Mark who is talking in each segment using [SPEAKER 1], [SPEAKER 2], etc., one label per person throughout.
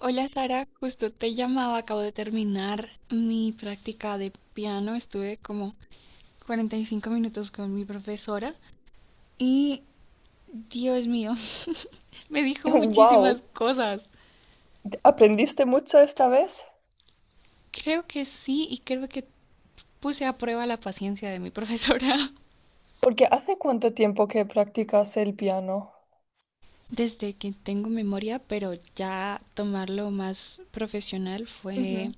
[SPEAKER 1] Hola Sara, justo te llamaba, acabo de terminar mi práctica de piano, estuve como 45 minutos con mi profesora y Dios mío, me dijo
[SPEAKER 2] Wow,
[SPEAKER 1] muchísimas cosas.
[SPEAKER 2] ¿aprendiste mucho esta vez?
[SPEAKER 1] Creo que sí y creo que puse a prueba la paciencia de mi profesora.
[SPEAKER 2] Porque ¿hace cuánto tiempo que practicas el piano?
[SPEAKER 1] Desde que tengo memoria, pero ya tomarlo más profesional fue
[SPEAKER 2] Ujú.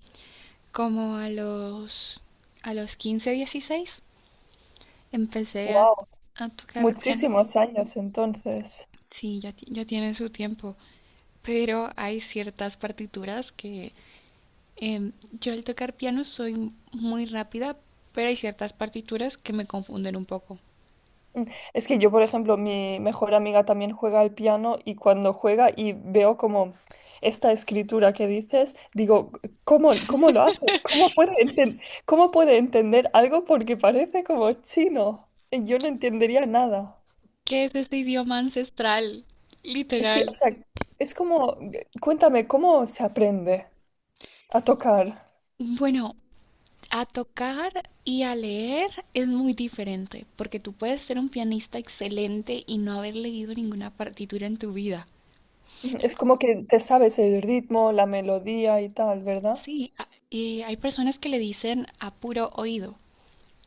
[SPEAKER 1] como a los 15, 16 empecé
[SPEAKER 2] Wow,
[SPEAKER 1] a tocar piano.
[SPEAKER 2] muchísimos años entonces.
[SPEAKER 1] Sí, ya, ya tienen su tiempo, pero hay ciertas partituras que em, yo al tocar piano soy muy rápida, pero hay ciertas partituras que me confunden un poco.
[SPEAKER 2] Mm, Es que yo, por ejemplo, mi mejor amiga también juega al piano y cuando juega y veo como esta escritura que dices, digo, ¿cómo lo hace? ¿Cómo puede cómo puede entender algo porque parece como chino? Y yo no entendería nada.
[SPEAKER 1] ¿Qué es ese idioma ancestral?
[SPEAKER 2] Sí, o
[SPEAKER 1] Literal.
[SPEAKER 2] sea, es como, cuéntame, ¿cómo se aprende a tocar?
[SPEAKER 1] Bueno, a tocar y a leer es muy diferente, porque tú puedes ser un pianista excelente y no haber leído ninguna partitura en tu vida.
[SPEAKER 2] Mm, es como que te sabes el ritmo, la melodía y tal, ¿verdad?
[SPEAKER 1] Sí, y hay personas que le dicen a puro oído,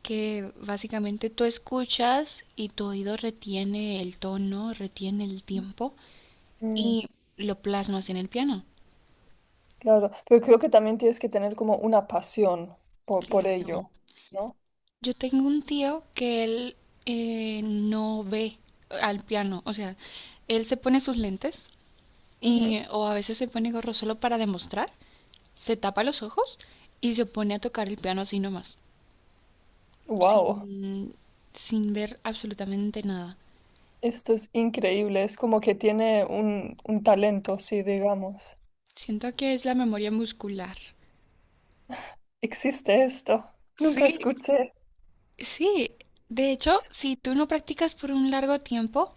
[SPEAKER 1] que básicamente tú escuchas y tu oído retiene el tono, retiene el tiempo
[SPEAKER 2] Mm,
[SPEAKER 1] y lo plasmas en el piano.
[SPEAKER 2] claro, pero creo que también tienes que tener como una pasión por
[SPEAKER 1] Claro.
[SPEAKER 2] ello, ¿no?
[SPEAKER 1] Yo tengo un tío que él no ve al piano, o sea, él se pone sus lentes y o a veces se pone gorro solo para demostrar, se tapa los ojos y se pone a tocar el piano así nomás,
[SPEAKER 2] Wow,
[SPEAKER 1] sin, sin ver absolutamente nada.
[SPEAKER 2] esto es increíble, es como que tiene un talento, sí, digamos.
[SPEAKER 1] Siento que es la memoria muscular.
[SPEAKER 2] Existe esto, nunca
[SPEAKER 1] Sí.
[SPEAKER 2] escuché.
[SPEAKER 1] Sí, de hecho, si tú no practicas por un largo tiempo,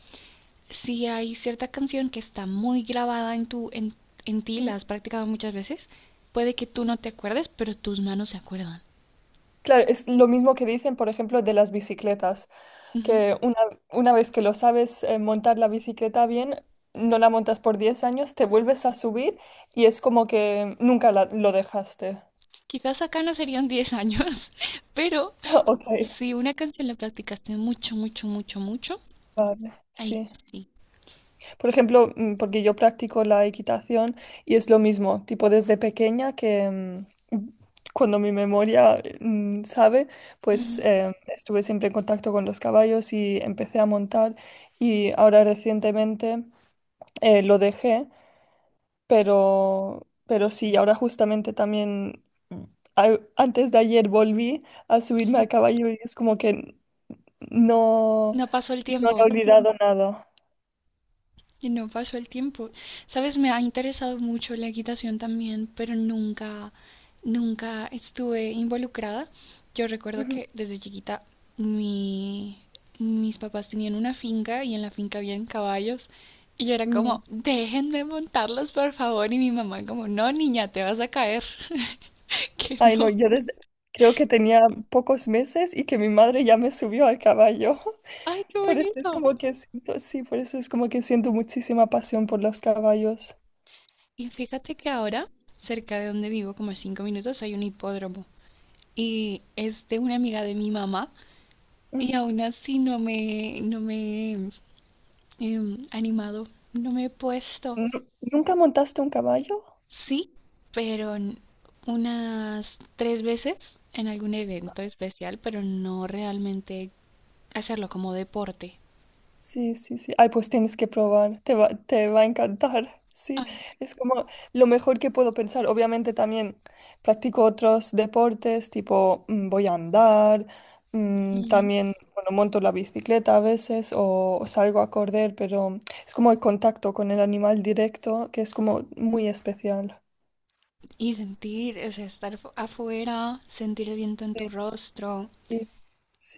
[SPEAKER 1] si hay cierta canción que está muy grabada en en ti,
[SPEAKER 2] Mm.
[SPEAKER 1] la has practicado muchas veces, puede que tú no te acuerdes, pero tus manos se acuerdan.
[SPEAKER 2] Claro, es lo mismo que dicen, por ejemplo, de las bicicletas.
[SPEAKER 1] Ujú.
[SPEAKER 2] que una, una vez que lo sabes montar la bicicleta bien, no la montas por 10 años, te vuelves a subir y es como que nunca lo dejaste.
[SPEAKER 1] Quizás acá no serían 10 años, pero
[SPEAKER 2] Ok,
[SPEAKER 1] si una canción la practicaste mucho,
[SPEAKER 2] vale,
[SPEAKER 1] ahí
[SPEAKER 2] sí.
[SPEAKER 1] sí.
[SPEAKER 2] Por ejemplo, porque yo practico la equitación y es lo mismo, tipo desde pequeña que cuando mi memoria sabe, pues
[SPEAKER 1] Ujú.
[SPEAKER 2] estuve siempre en contacto con los caballos y empecé a montar, y ahora recientemente lo dejé. Pero sí, ahora justamente también, mm, antes de ayer volví a subirme
[SPEAKER 1] Sí,
[SPEAKER 2] al caballo y es como que no,
[SPEAKER 1] no pasó el
[SPEAKER 2] no he
[SPEAKER 1] tiempo.
[SPEAKER 2] olvidado nada.
[SPEAKER 1] Y no pasó el tiempo. Sabes, me ha interesado mucho la equitación también, pero nunca estuve involucrada. Yo recuerdo
[SPEAKER 2] Ujú.
[SPEAKER 1] que desde chiquita mi, mis papás tenían una finca y en la finca habían caballos. Y yo era
[SPEAKER 2] Mm.
[SPEAKER 1] como, déjenme montarlos, por favor. Y mi mamá como, no, niña, te vas a caer. Que
[SPEAKER 2] Ay, no,
[SPEAKER 1] no.
[SPEAKER 2] yo desde, creo que tenía pocos meses y que mi madre ya me subió al caballo.
[SPEAKER 1] Ay, qué
[SPEAKER 2] Por eso es
[SPEAKER 1] bonito.
[SPEAKER 2] como que siento, sí, por eso es como que siento muchísima pasión por los caballos.
[SPEAKER 1] Y fíjate que ahora, cerca de donde vivo, como a 5 minutos, hay un hipódromo. Y es de una amiga de mi mamá. Y
[SPEAKER 2] Mm.
[SPEAKER 1] aún así no me he animado, no me he puesto.
[SPEAKER 2] ¿Nunca montaste un caballo?
[SPEAKER 1] Sí, pero unas 3 veces en algún evento especial, pero no realmente hacerlo como deporte.
[SPEAKER 2] Sí, sí, sí. Ay, pues tienes que probar, te va a encantar. Sí,
[SPEAKER 1] Ay, sí.
[SPEAKER 2] es como lo mejor que puedo pensar. Obviamente también practico otros deportes, tipo voy a andar,
[SPEAKER 1] Ujú.
[SPEAKER 2] también, bueno, monto la bicicleta a veces o salgo a correr, pero es como el contacto con el animal directo, que es como muy especial.
[SPEAKER 1] Y sentir, o sea, estar afuera, sentir el viento en
[SPEAKER 2] Sí,
[SPEAKER 1] tu rostro
[SPEAKER 2] sí,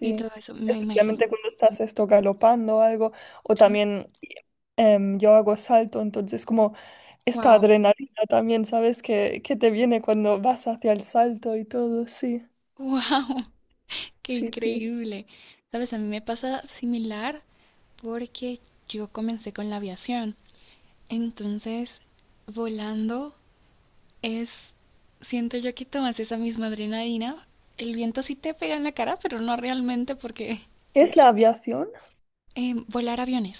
[SPEAKER 1] y todo eso, me imagino,
[SPEAKER 2] Especialmente cuando estás esto galopando o algo, o
[SPEAKER 1] ¿sí?
[SPEAKER 2] también yo hago salto, entonces como esta
[SPEAKER 1] Wow,
[SPEAKER 2] adrenalina también, ¿sabes? Que te viene cuando vas hacia el salto y todo, sí,
[SPEAKER 1] wow, qué
[SPEAKER 2] sí, sí.
[SPEAKER 1] increíble. Sabes, a mí me pasa similar porque yo comencé con la aviación. Entonces, volando es, siento yo que tomas esa misma adrenalina. El viento sí te pega en la cara, pero no realmente porque
[SPEAKER 2] ¿Qué es la aviación?
[SPEAKER 1] volar aviones.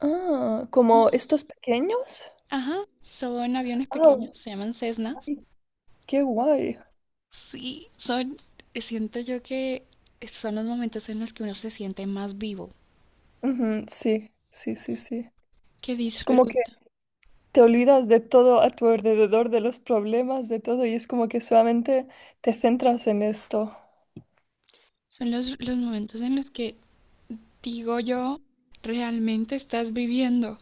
[SPEAKER 2] Ah, ¿como
[SPEAKER 1] Ujú.
[SPEAKER 2] estos pequeños?
[SPEAKER 1] Ajá, son aviones
[SPEAKER 2] Ah,
[SPEAKER 1] pequeños, se llaman Cessnas.
[SPEAKER 2] ay, qué guay.
[SPEAKER 1] Sí, son, siento yo que son los momentos en los que uno se siente más vivo,
[SPEAKER 2] Ujú, sí, sí, sí, sí.
[SPEAKER 1] que
[SPEAKER 2] Es como que
[SPEAKER 1] disfruta.
[SPEAKER 2] te olvidas de todo a tu alrededor, de los problemas, de todo, y es como que solamente te centras en esto.
[SPEAKER 1] Son los momentos en los que digo yo, realmente estás viviendo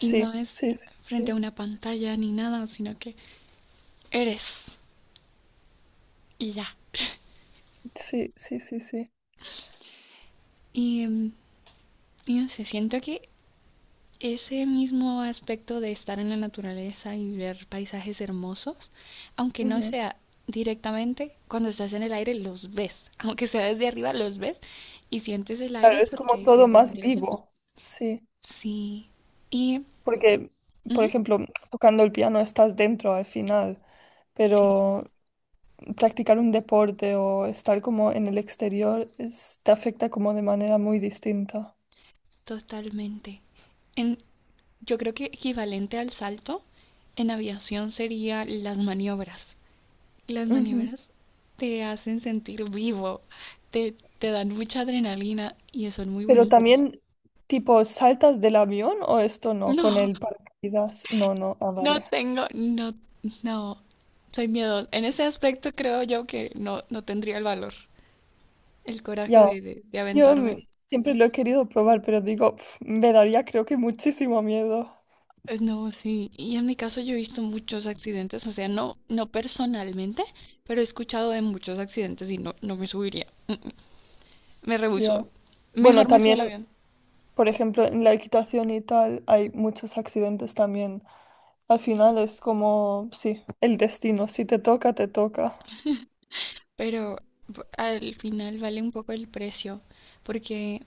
[SPEAKER 1] y no es
[SPEAKER 2] sí, sí,
[SPEAKER 1] frente a
[SPEAKER 2] sí,
[SPEAKER 1] una pantalla ni nada, sino que eres y ya.
[SPEAKER 2] sí, sí, sí, sí.
[SPEAKER 1] Y, y no sé, siento que ese mismo aspecto de estar en la naturaleza y ver paisajes hermosos, aunque no
[SPEAKER 2] Ujú.
[SPEAKER 1] sea directamente, cuando estás en el aire los ves, aunque sea desde arriba los ves y sientes el
[SPEAKER 2] Claro,
[SPEAKER 1] aire
[SPEAKER 2] es
[SPEAKER 1] porque
[SPEAKER 2] como
[SPEAKER 1] hay
[SPEAKER 2] todo
[SPEAKER 1] ciertas
[SPEAKER 2] más
[SPEAKER 1] ventilaciones.
[SPEAKER 2] vivo. Sí.
[SPEAKER 1] Sí, y
[SPEAKER 2] Porque, por
[SPEAKER 1] ujú,
[SPEAKER 2] ejemplo, tocando el piano estás dentro al final,
[SPEAKER 1] sí,
[SPEAKER 2] pero practicar un deporte o estar como en el exterior te afecta como de manera muy distinta.
[SPEAKER 1] totalmente. En, yo creo que equivalente al salto en aviación sería las maniobras. Las
[SPEAKER 2] Ujú.
[SPEAKER 1] maniobras te hacen sentir vivo, te dan mucha adrenalina y son muy
[SPEAKER 2] Pero
[SPEAKER 1] bonitas.
[SPEAKER 2] también, tipo, ¿saltas del avión o esto no? Con
[SPEAKER 1] No,
[SPEAKER 2] el paracaídas. No, no, ah,
[SPEAKER 1] no
[SPEAKER 2] vale.
[SPEAKER 1] tengo, no, no, soy miedosa. En ese aspecto creo yo que no, no tendría el valor, el coraje
[SPEAKER 2] Ya,
[SPEAKER 1] de aventarme.
[SPEAKER 2] siempre lo he querido probar, pero digo, pf, me daría creo que muchísimo miedo.
[SPEAKER 1] No, sí, y en mi caso yo he visto muchos accidentes, o sea, no, no personalmente, pero he escuchado de muchos accidentes y no, no me subiría. Mm, mm, me
[SPEAKER 2] Ya.
[SPEAKER 1] rehusó.
[SPEAKER 2] Bueno,
[SPEAKER 1] Mejor me subo al
[SPEAKER 2] también
[SPEAKER 1] avión.
[SPEAKER 2] por ejemplo, en la equitación y tal hay muchos accidentes también. Al final es como, sí, el destino, si te toca, te toca.
[SPEAKER 1] Pero al final vale un poco el precio, porque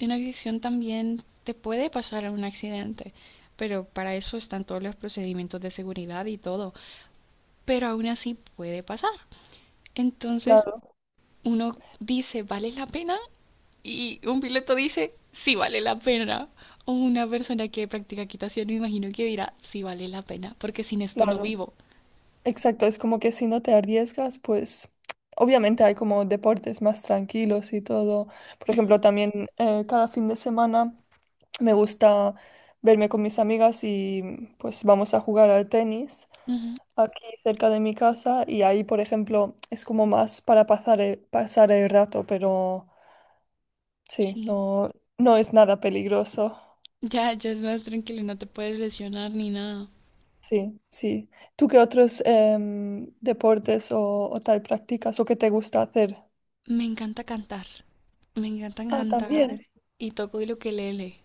[SPEAKER 1] una agresión también te puede pasar a un accidente, pero para eso están todos los procedimientos de seguridad y todo, pero aún así puede pasar. Entonces
[SPEAKER 2] Claro,
[SPEAKER 1] uno dice, ¿vale la pena? Y un piloto dice, sí vale la pena. O una persona que practica equitación me imagino que dirá, sí vale la pena, porque sin esto no
[SPEAKER 2] claro.
[SPEAKER 1] vivo.
[SPEAKER 2] Exacto, es como que si no te arriesgas, pues obviamente hay como deportes más tranquilos y todo. Por
[SPEAKER 1] Ujú,
[SPEAKER 2] ejemplo, también cada fin de semana me gusta verme con mis amigas y pues vamos a jugar al tenis
[SPEAKER 1] ujú,
[SPEAKER 2] aquí cerca de mi casa y ahí, por ejemplo, es como más para pasar pasar el rato, pero sí,
[SPEAKER 1] sí,
[SPEAKER 2] no, no es nada peligroso.
[SPEAKER 1] ya, ya es más tranquilo, no te puedes lesionar ni nada.
[SPEAKER 2] Sí, sí. ¿Tú qué otros deportes o tal practicas o qué te gusta hacer?
[SPEAKER 1] Me encanta cantar. Me encanta
[SPEAKER 2] Ah,
[SPEAKER 1] cantar
[SPEAKER 2] también.
[SPEAKER 1] y toco el ukelele.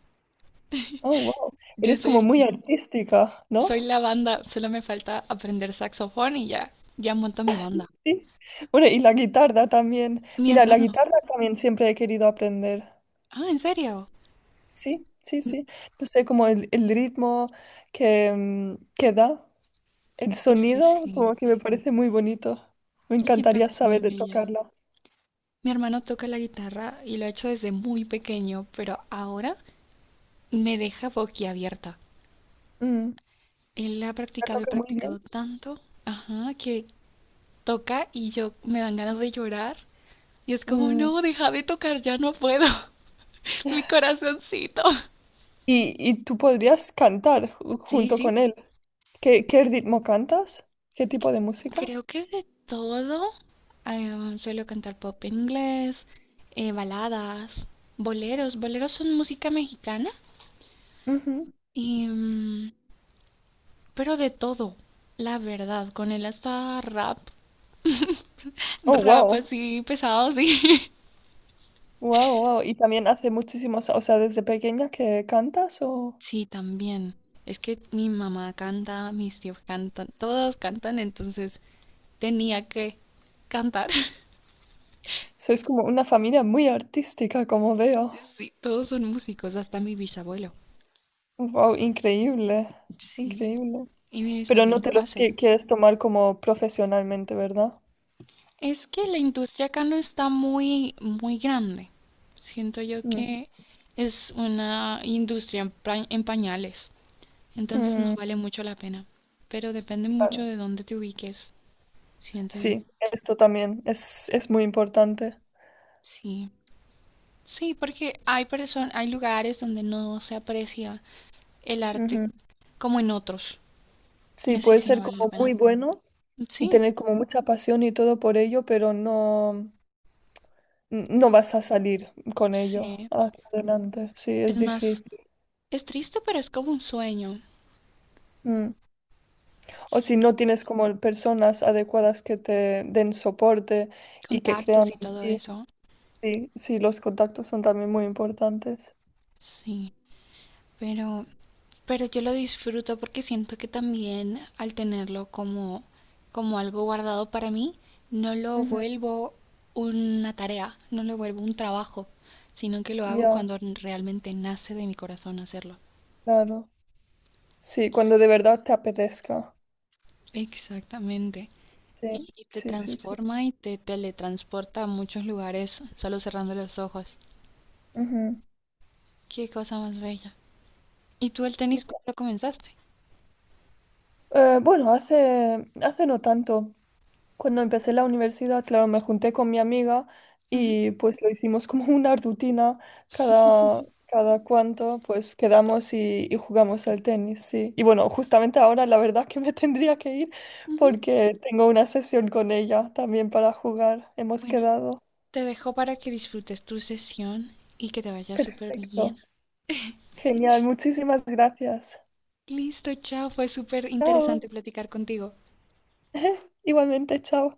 [SPEAKER 2] Oh, wow.
[SPEAKER 1] Yo
[SPEAKER 2] Eres como
[SPEAKER 1] soy,
[SPEAKER 2] muy artística,
[SPEAKER 1] soy
[SPEAKER 2] ¿no?
[SPEAKER 1] la banda, solo me falta aprender saxofón y ya, ya monto mi banda.
[SPEAKER 2] Sí. Bueno, y la guitarra también.
[SPEAKER 1] Mi
[SPEAKER 2] Mira, la
[SPEAKER 1] hermano.
[SPEAKER 2] guitarra también siempre he querido aprender.
[SPEAKER 1] Ah, ¿en serio?
[SPEAKER 2] Sí, sí,
[SPEAKER 1] Mm,
[SPEAKER 2] sí. No sé, como el ritmo que, que da, el
[SPEAKER 1] es que
[SPEAKER 2] sonido,
[SPEAKER 1] sí,
[SPEAKER 2] como que me parece muy bonito. Me
[SPEAKER 1] la
[SPEAKER 2] encantaría
[SPEAKER 1] guitarra es muy
[SPEAKER 2] saber
[SPEAKER 1] bella.
[SPEAKER 2] tocarla.
[SPEAKER 1] Mi hermano toca la guitarra y lo ha hecho desde muy pequeño, pero ahora me deja boquiabierta.
[SPEAKER 2] Mm,
[SPEAKER 1] Él ha
[SPEAKER 2] la
[SPEAKER 1] practicado y
[SPEAKER 2] toca muy bien.
[SPEAKER 1] practicado tanto, ajá, que toca y yo me dan ganas de llorar. Y es como,
[SPEAKER 2] Mm,
[SPEAKER 1] no, deja de tocar, ya no puedo. Mi corazoncito.
[SPEAKER 2] y tú podrías cantar
[SPEAKER 1] Sí,
[SPEAKER 2] junto con
[SPEAKER 1] sí.
[SPEAKER 2] él. ¿Qué ritmo cantas? ¿Qué tipo de música?
[SPEAKER 1] Creo que de todo. Suelo cantar pop en inglés, baladas, boleros. Boleros son música mexicana.
[SPEAKER 2] Ujú.
[SPEAKER 1] Y, pero de todo, la verdad. Con él hasta rap.
[SPEAKER 2] Oh,
[SPEAKER 1] Rap
[SPEAKER 2] wow.
[SPEAKER 1] así pesado, sí.
[SPEAKER 2] Wow, wow. ¿Y también hace muchísimos, o sea, desde pequeña que cantas? O
[SPEAKER 1] Sí, también. Es que mi mamá canta, mis tíos cantan, todos cantan, entonces tenía que cantar.
[SPEAKER 2] sois como una familia muy artística, ¿como veo?
[SPEAKER 1] Sí, todos son músicos, hasta mi bisabuelo.
[SPEAKER 2] Wow, increíble.
[SPEAKER 1] Sí.
[SPEAKER 2] Increíble.
[SPEAKER 1] Y mi
[SPEAKER 2] Pero no
[SPEAKER 1] bisabuelo
[SPEAKER 2] te lo
[SPEAKER 1] hace.
[SPEAKER 2] quieres tomar como profesionalmente, ¿verdad?
[SPEAKER 1] Es que la industria acá no está muy grande. Siento yo
[SPEAKER 2] Mm.
[SPEAKER 1] que es una industria en pañales, entonces no
[SPEAKER 2] Mm,
[SPEAKER 1] vale mucho la pena. Pero depende mucho
[SPEAKER 2] claro.
[SPEAKER 1] de dónde te ubiques, siento yo.
[SPEAKER 2] Sí, esto también es muy importante.
[SPEAKER 1] Sí, sí, porque hay personas, hay lugares donde no se aprecia el arte
[SPEAKER 2] Ujú.
[SPEAKER 1] como en otros, y
[SPEAKER 2] Sí,
[SPEAKER 1] así
[SPEAKER 2] puede
[SPEAKER 1] sí no
[SPEAKER 2] ser
[SPEAKER 1] vale la
[SPEAKER 2] como
[SPEAKER 1] pena.
[SPEAKER 2] muy bueno y
[SPEAKER 1] Sí,
[SPEAKER 2] tener como mucha pasión y todo por ello, pero no, no vas a salir con ello
[SPEAKER 1] sí,
[SPEAKER 2] hacia adelante. Sí, es
[SPEAKER 1] es más,
[SPEAKER 2] difícil.
[SPEAKER 1] es triste, pero es como un sueño.
[SPEAKER 2] Mm. O si
[SPEAKER 1] Sí,
[SPEAKER 2] no tienes como personas adecuadas que te den soporte y que
[SPEAKER 1] contactos
[SPEAKER 2] crean
[SPEAKER 1] y
[SPEAKER 2] en
[SPEAKER 1] todo
[SPEAKER 2] ti.
[SPEAKER 1] eso.
[SPEAKER 2] Sí, sí, los contactos son también muy importantes.
[SPEAKER 1] Sí, pero, pero yo lo disfruto porque siento que también al tenerlo como, como algo guardado para mí, no lo
[SPEAKER 2] Ujú.
[SPEAKER 1] vuelvo una tarea, no lo vuelvo un trabajo, sino que lo hago
[SPEAKER 2] Ya,
[SPEAKER 1] cuando realmente nace de mi corazón hacerlo.
[SPEAKER 2] claro. Sí, cuando de verdad te apetezca.
[SPEAKER 1] Exactamente.
[SPEAKER 2] Sí,
[SPEAKER 1] Y te
[SPEAKER 2] sí, sí, sí.
[SPEAKER 1] transforma y te teletransporta a muchos lugares solo cerrando los ojos.
[SPEAKER 2] Ujú.
[SPEAKER 1] Qué cosa más bella. ¿Y tú el tenis cuándo lo comenzaste?
[SPEAKER 2] Bueno, hace, hace no tanto. Cuando empecé la universidad, claro, me junté con mi amiga
[SPEAKER 1] Ujú,
[SPEAKER 2] y pues lo hicimos como una rutina. Cada cuanto pues quedamos y jugamos al tenis, sí. Y bueno, justamente ahora la verdad que me tendría que ir
[SPEAKER 1] ujú.
[SPEAKER 2] porque tengo una sesión con ella también para jugar. Hemos
[SPEAKER 1] Bueno.
[SPEAKER 2] quedado.
[SPEAKER 1] Te dejo para que disfrutes tu sesión y que te vaya súper
[SPEAKER 2] Perfecto.
[SPEAKER 1] bien.
[SPEAKER 2] Genial, muchísimas gracias.
[SPEAKER 1] Listo, chao. Fue súper interesante
[SPEAKER 2] Chao.
[SPEAKER 1] platicar contigo.
[SPEAKER 2] Igualmente, chao.